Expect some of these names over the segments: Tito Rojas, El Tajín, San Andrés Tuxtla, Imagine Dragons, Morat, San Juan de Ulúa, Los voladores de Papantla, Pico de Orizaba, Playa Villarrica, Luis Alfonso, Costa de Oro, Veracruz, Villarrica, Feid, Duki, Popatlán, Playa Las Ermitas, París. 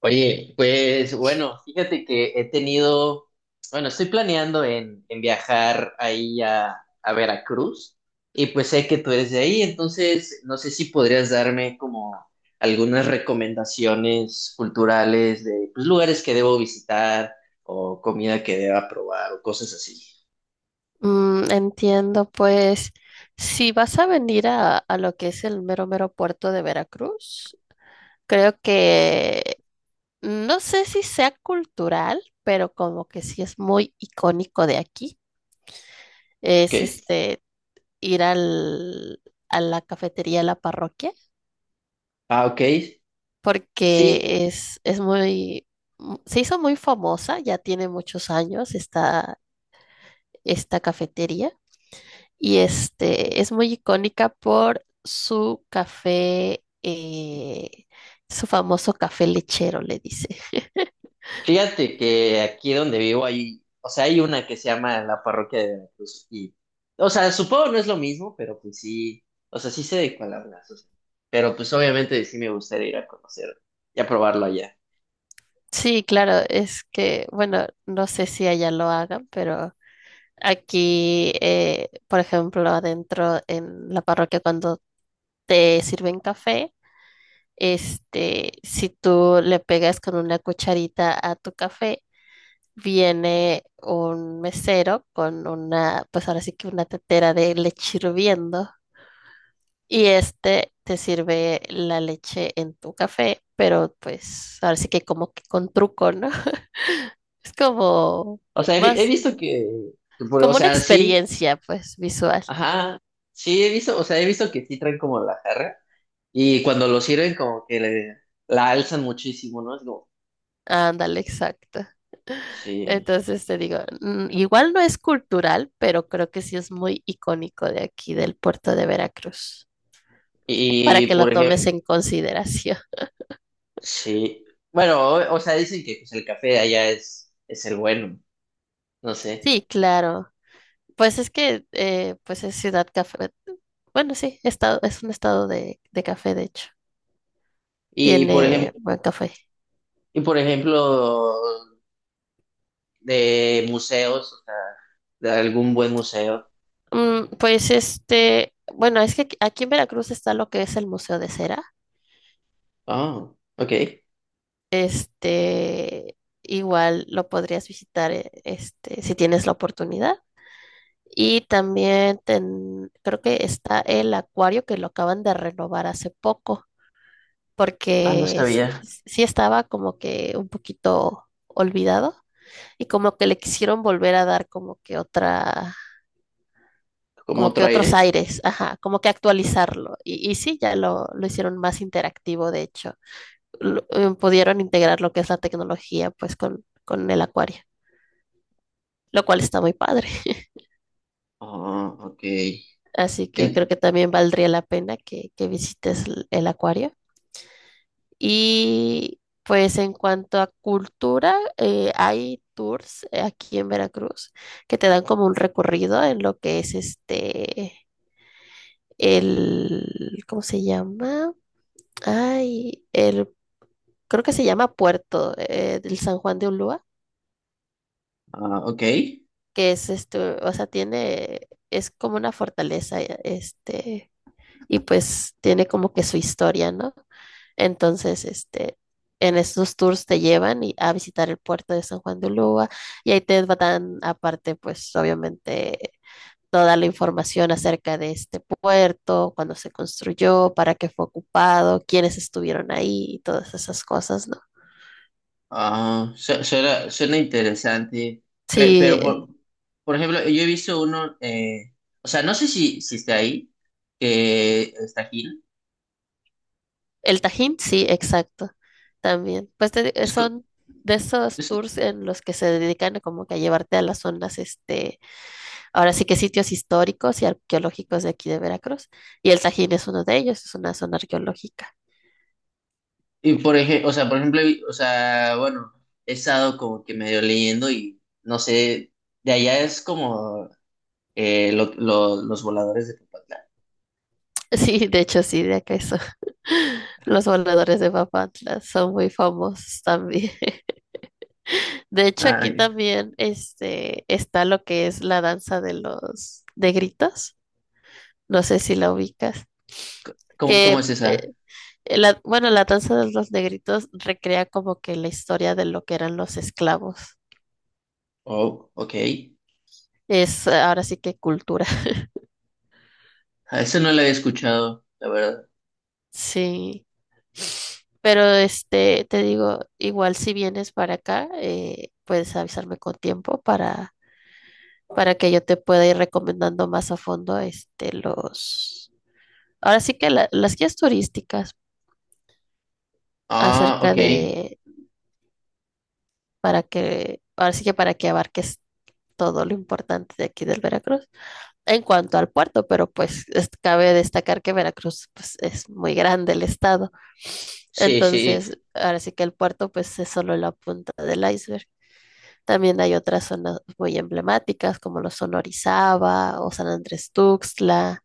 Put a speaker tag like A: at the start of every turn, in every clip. A: Oye, pues bueno, fíjate que he tenido, bueno, estoy planeando en viajar ahí a Veracruz y pues sé que tú eres de ahí, entonces no sé si podrías darme como algunas recomendaciones culturales de pues, lugares que debo visitar o comida que deba probar o cosas así.
B: Entiendo, pues si vas a venir a lo que es el mero mero puerto de Veracruz, creo que no sé si sea cultural, pero como que sí es muy icónico de aquí,
A: ¿Ok?
B: es ir al, a la cafetería de la parroquia,
A: Ah, ok. Sí.
B: porque es muy, se hizo muy famosa, ya tiene muchos años esta, esta cafetería. Y es muy icónica por su café, su famoso café lechero, le dice.
A: Fíjate que aquí donde vivo hay, o sea, hay una que se llama la parroquia de Veracruz y, o sea, supongo no es lo mismo, pero pues sí, o sea, sí sé de cuál hablas, o sea, pero pues obviamente sí me gustaría ir a conocer y a probarlo allá.
B: Sí, claro, es que, bueno, no sé si allá lo hagan, pero aquí, por ejemplo, adentro en la parroquia, cuando te sirven café, si tú le pegas con una cucharita a tu café, viene un mesero con una, pues ahora sí que una tetera de leche hirviendo. Y te sirve la leche en tu café, pero pues ahora sí que como que con truco, ¿no? Es como
A: O sea, he
B: más,
A: visto que, o
B: como una
A: sea, sí,
B: experiencia, pues, visual.
A: ajá, sí he visto, o sea, he visto que sí traen como la jarra y cuando lo sirven como que la alzan muchísimo, ¿no? Es como,
B: Ándale, exacto.
A: sí.
B: Entonces te digo, igual no es cultural, pero creo que sí es muy icónico de aquí, del puerto de Veracruz, para
A: Y
B: que lo
A: por ejemplo,
B: tomes en consideración.
A: sí. Bueno, o sea, dicen que pues, el café de allá es el bueno, no sé.
B: Sí, claro. Pues es que, pues es ciudad café. Bueno, sí, estado, es un estado de café, de hecho.
A: Y por
B: Tiene
A: ejemplo,
B: buen café.
A: y por ejemplo, de museos, o sea, de algún buen museo.
B: Pues bueno, es que aquí en Veracruz está lo que es el Museo de Cera.
A: Oh, ok.
B: Igual lo podrías visitar, si tienes la oportunidad. Y también creo que está el acuario que lo acaban de renovar hace poco,
A: Ah, no
B: porque
A: sabía.
B: sí estaba como que un poquito olvidado y como que le quisieron volver a dar como que otra
A: ¿Cómo
B: como que
A: otro
B: otros
A: aire?
B: aires, ajá, como que actualizarlo. Y sí, ya lo hicieron más interactivo, de hecho. Pudieron integrar lo que es la tecnología, pues, con el acuario, lo cual está muy padre.
A: Ah, ok.
B: Así que creo
A: En-
B: que también valdría la pena que visites el acuario. Y pues en cuanto a cultura, hay tours aquí en Veracruz que te dan como un recorrido en lo que es el, ¿cómo se llama? Ay, el creo que se llama Puerto, del San Juan de Ulúa,
A: ah, ok.
B: que es o sea, tiene, es como una fortaleza, y pues tiene como que su historia, ¿no? Entonces, en estos tours te llevan a visitar el puerto de San Juan de Ulúa y ahí te dan aparte, pues obviamente, toda la información acerca de este puerto, cuándo se construyó, para qué fue ocupado, quiénes estuvieron ahí y todas esas cosas, ¿no?
A: Ah, suena, suena interesante. Pero,
B: Sí,
A: por ejemplo, yo he visto uno, o sea, no sé si está ahí, que está aquí.
B: El Tajín, sí, exacto, también. Pues son de esos tours en los que se dedican a como que a llevarte a las zonas, ahora sí que sitios históricos y arqueológicos de aquí de Veracruz. Y el Tajín es uno de ellos, es una zona arqueológica.
A: Y por ejemplo, o sea, por ejemplo, o sea, bueno, he estado como que medio leyendo y no sé, de allá es como los voladores de Popatlán.
B: Sí, de hecho, sí, de acá eso. Los voladores de Papantla son muy famosos también. De hecho, aquí
A: Ay,
B: también está lo que es la danza de los de gritos. No sé si la ubicas.
A: ¿cómo, cómo
B: Que
A: es esa?
B: eh, bueno, la danza de los negritos recrea como que la historia de lo que eran los esclavos.
A: Oh, ok.
B: Es ahora sí que cultura.
A: A eso no la había escuchado, la verdad.
B: Sí. Pero te digo, igual si vienes para acá, puedes avisarme con tiempo para que yo te pueda ir recomendando más a fondo los, ahora sí que las guías turísticas
A: Ah,
B: acerca
A: ok.
B: de, para que, ahora sí que para que abarques todo lo importante de aquí del Veracruz. En cuanto al puerto, pero pues es, cabe destacar que Veracruz pues, es muy grande el estado.
A: Sí, sí.
B: Entonces, ahora sí que el puerto pues es solo la punta del iceberg. También hay otras zonas muy emblemáticas como lo son Orizaba o San Andrés Tuxtla.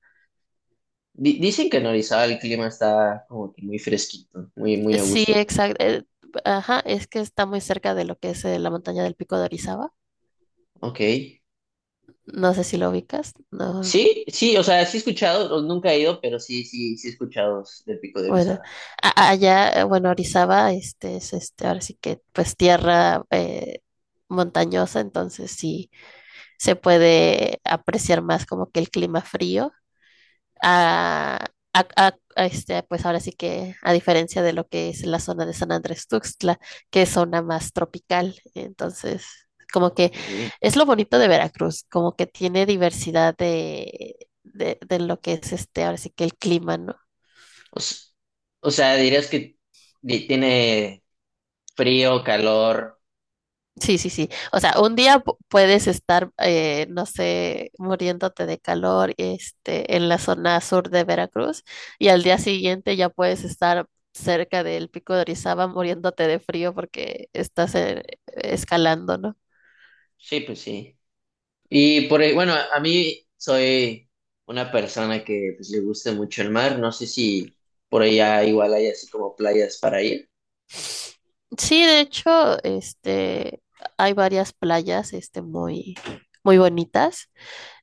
A: Dicen que en Orizaba el clima está como que muy fresquito, muy, muy a
B: Sí,
A: gusto.
B: exacto. Ajá, es que está muy cerca de lo que es la montaña del Pico de Orizaba.
A: Ok.
B: No sé si lo ubicas, no.
A: Sí, sí, o sea, sí he escuchado, o nunca he ido, pero sí, sí, sí he escuchado del Pico de
B: Bueno,
A: Orizaba.
B: allá, bueno, Orizaba, ahora sí que pues tierra montañosa, entonces sí se puede apreciar más como que el clima frío. A, pues ahora sí que, a diferencia de lo que es la zona de San Andrés Tuxtla, que es zona más tropical, entonces como que
A: Ok.
B: es lo bonito de Veracruz, como que tiene diversidad de, de lo que es ahora sí que el clima, ¿no?
A: O, s- o sea, dirías que tiene frío, calor.
B: Sí, sí, sí. O sea, un día puedes estar, no sé, muriéndote de calor, en la zona sur de Veracruz, y al día siguiente ya puedes estar cerca del pico de Orizaba muriéndote de frío porque estás escalando, ¿no?
A: Sí, pues sí. Bueno, a mí soy una persona que pues, le gusta mucho el mar. No sé si por allá igual hay así como playas para ir.
B: Sí, de hecho, hay varias playas, muy, muy bonitas.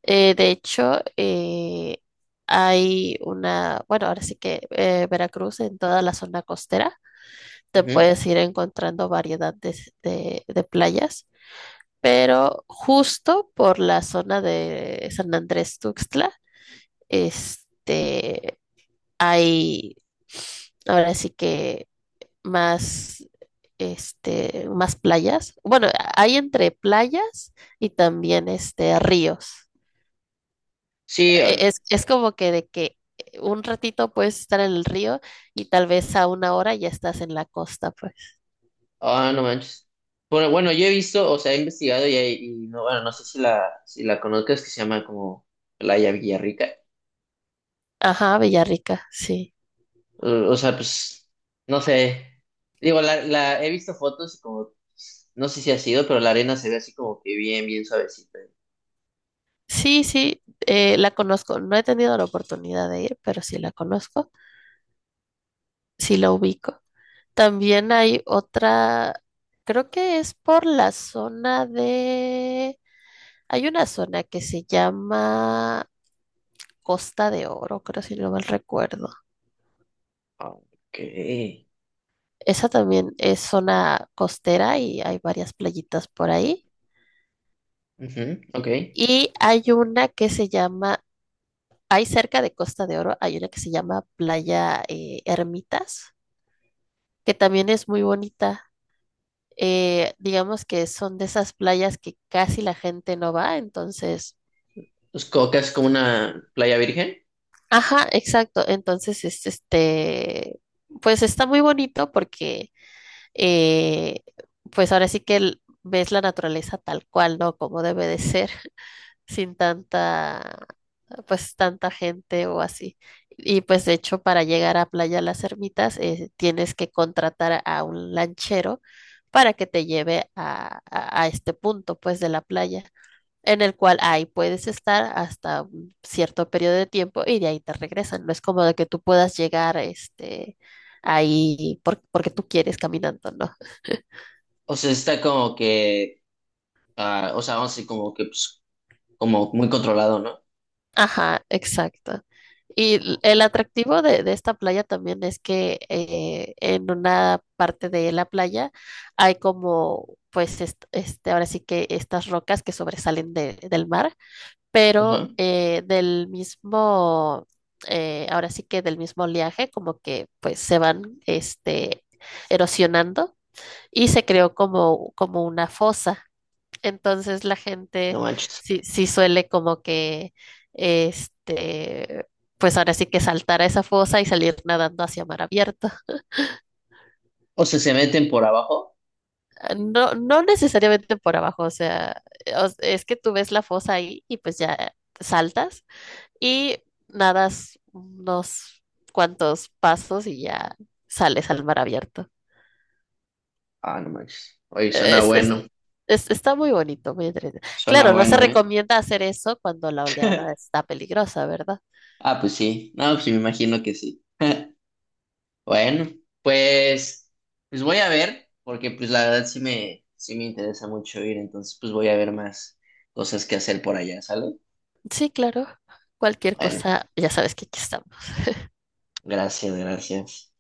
B: De hecho, hay una, bueno, ahora sí que Veracruz en toda la zona costera te
A: Ujú.
B: puedes ir encontrando variedad de, de playas, pero justo por la zona de San Andrés Tuxtla, este, hay ahora sí que más, más playas. Bueno, hay entre playas y también ríos.
A: Sí, ah,
B: Es como que de que un ratito puedes estar en el río y tal vez a una hora ya estás en la costa, pues.
A: ah, no manches. Bueno, bueno, yo he visto, o sea, he investigado y no, bueno, no sé si la conozcas, que se llama como Playa Villarrica.
B: Ajá, Villarrica, sí.
A: O, o sea, pues, no sé. Digo, la he visto fotos y como, pues, no sé si ha sido, pero la arena se ve así como que bien, bien suavecita.
B: Sí, sí, la conozco. No he tenido la oportunidad de ir, pero sí la conozco, sí la ubico. También hay otra, creo que es por la zona de... Hay una zona que se llama Costa de Oro, creo si no mal recuerdo.
A: Ok.
B: Esa también es zona costera y hay varias playitas por ahí.
A: Ujú, ok.
B: Y hay una que se llama, hay cerca de Costa de Oro, hay una que se llama Playa Ermitas, que también es muy bonita. Digamos que son de esas playas que casi la gente no va, entonces,
A: Pues como que es como una playa virgen.
B: ajá, exacto, entonces es pues está muy bonito porque, eh, pues ahora sí que ves la naturaleza tal cual, ¿no? Como debe de ser, sin tanta, pues tanta gente o así. Y pues de hecho para llegar a Playa Las Ermitas tienes que contratar a un lanchero para que te lleve a, a este punto pues de la playa, en el cual ahí puedes estar hasta un cierto periodo de tiempo y de ahí te regresan. No es como de que tú puedas llegar ahí porque tú quieres caminando, ¿no?
A: O sea, está como que, ah, o sea, vamos a decir como que, pues, como muy controlado, ¿no?
B: Ajá, exacto. Y el
A: O-
B: atractivo de esta playa también es que en una parte de la playa hay como, pues, ahora sí que estas rocas que sobresalen del mar pero
A: ajá,
B: del mismo, ahora sí que del mismo oleaje, como que pues se van erosionando y se creó como, como una fosa. Entonces la
A: no
B: gente
A: manches.
B: sí, sí suele como que, este, pues ahora sí que saltar a esa fosa y salir nadando hacia mar abierto.
A: O sea, se meten por abajo.
B: No, no necesariamente por abajo, o sea, es que tú ves la fosa ahí y pues ya saltas y nadas unos cuantos pasos y ya sales al mar abierto.
A: Ah, no manches. Oye, suena
B: Es, es-
A: bueno.
B: está muy bonito, muy entretenido.
A: Suena
B: Claro, no se
A: bueno, ¿eh?
B: recomienda hacer eso cuando la oleada está peligrosa, ¿verdad?
A: Ah, pues sí. No, pues me imagino que sí. Bueno, pues, pues voy a ver, porque pues la verdad sí me interesa mucho ir, entonces pues voy a ver más cosas que hacer por allá, ¿sale?
B: Sí, claro. Cualquier
A: Bueno,
B: cosa, ya sabes que aquí estamos.
A: gracias, gracias.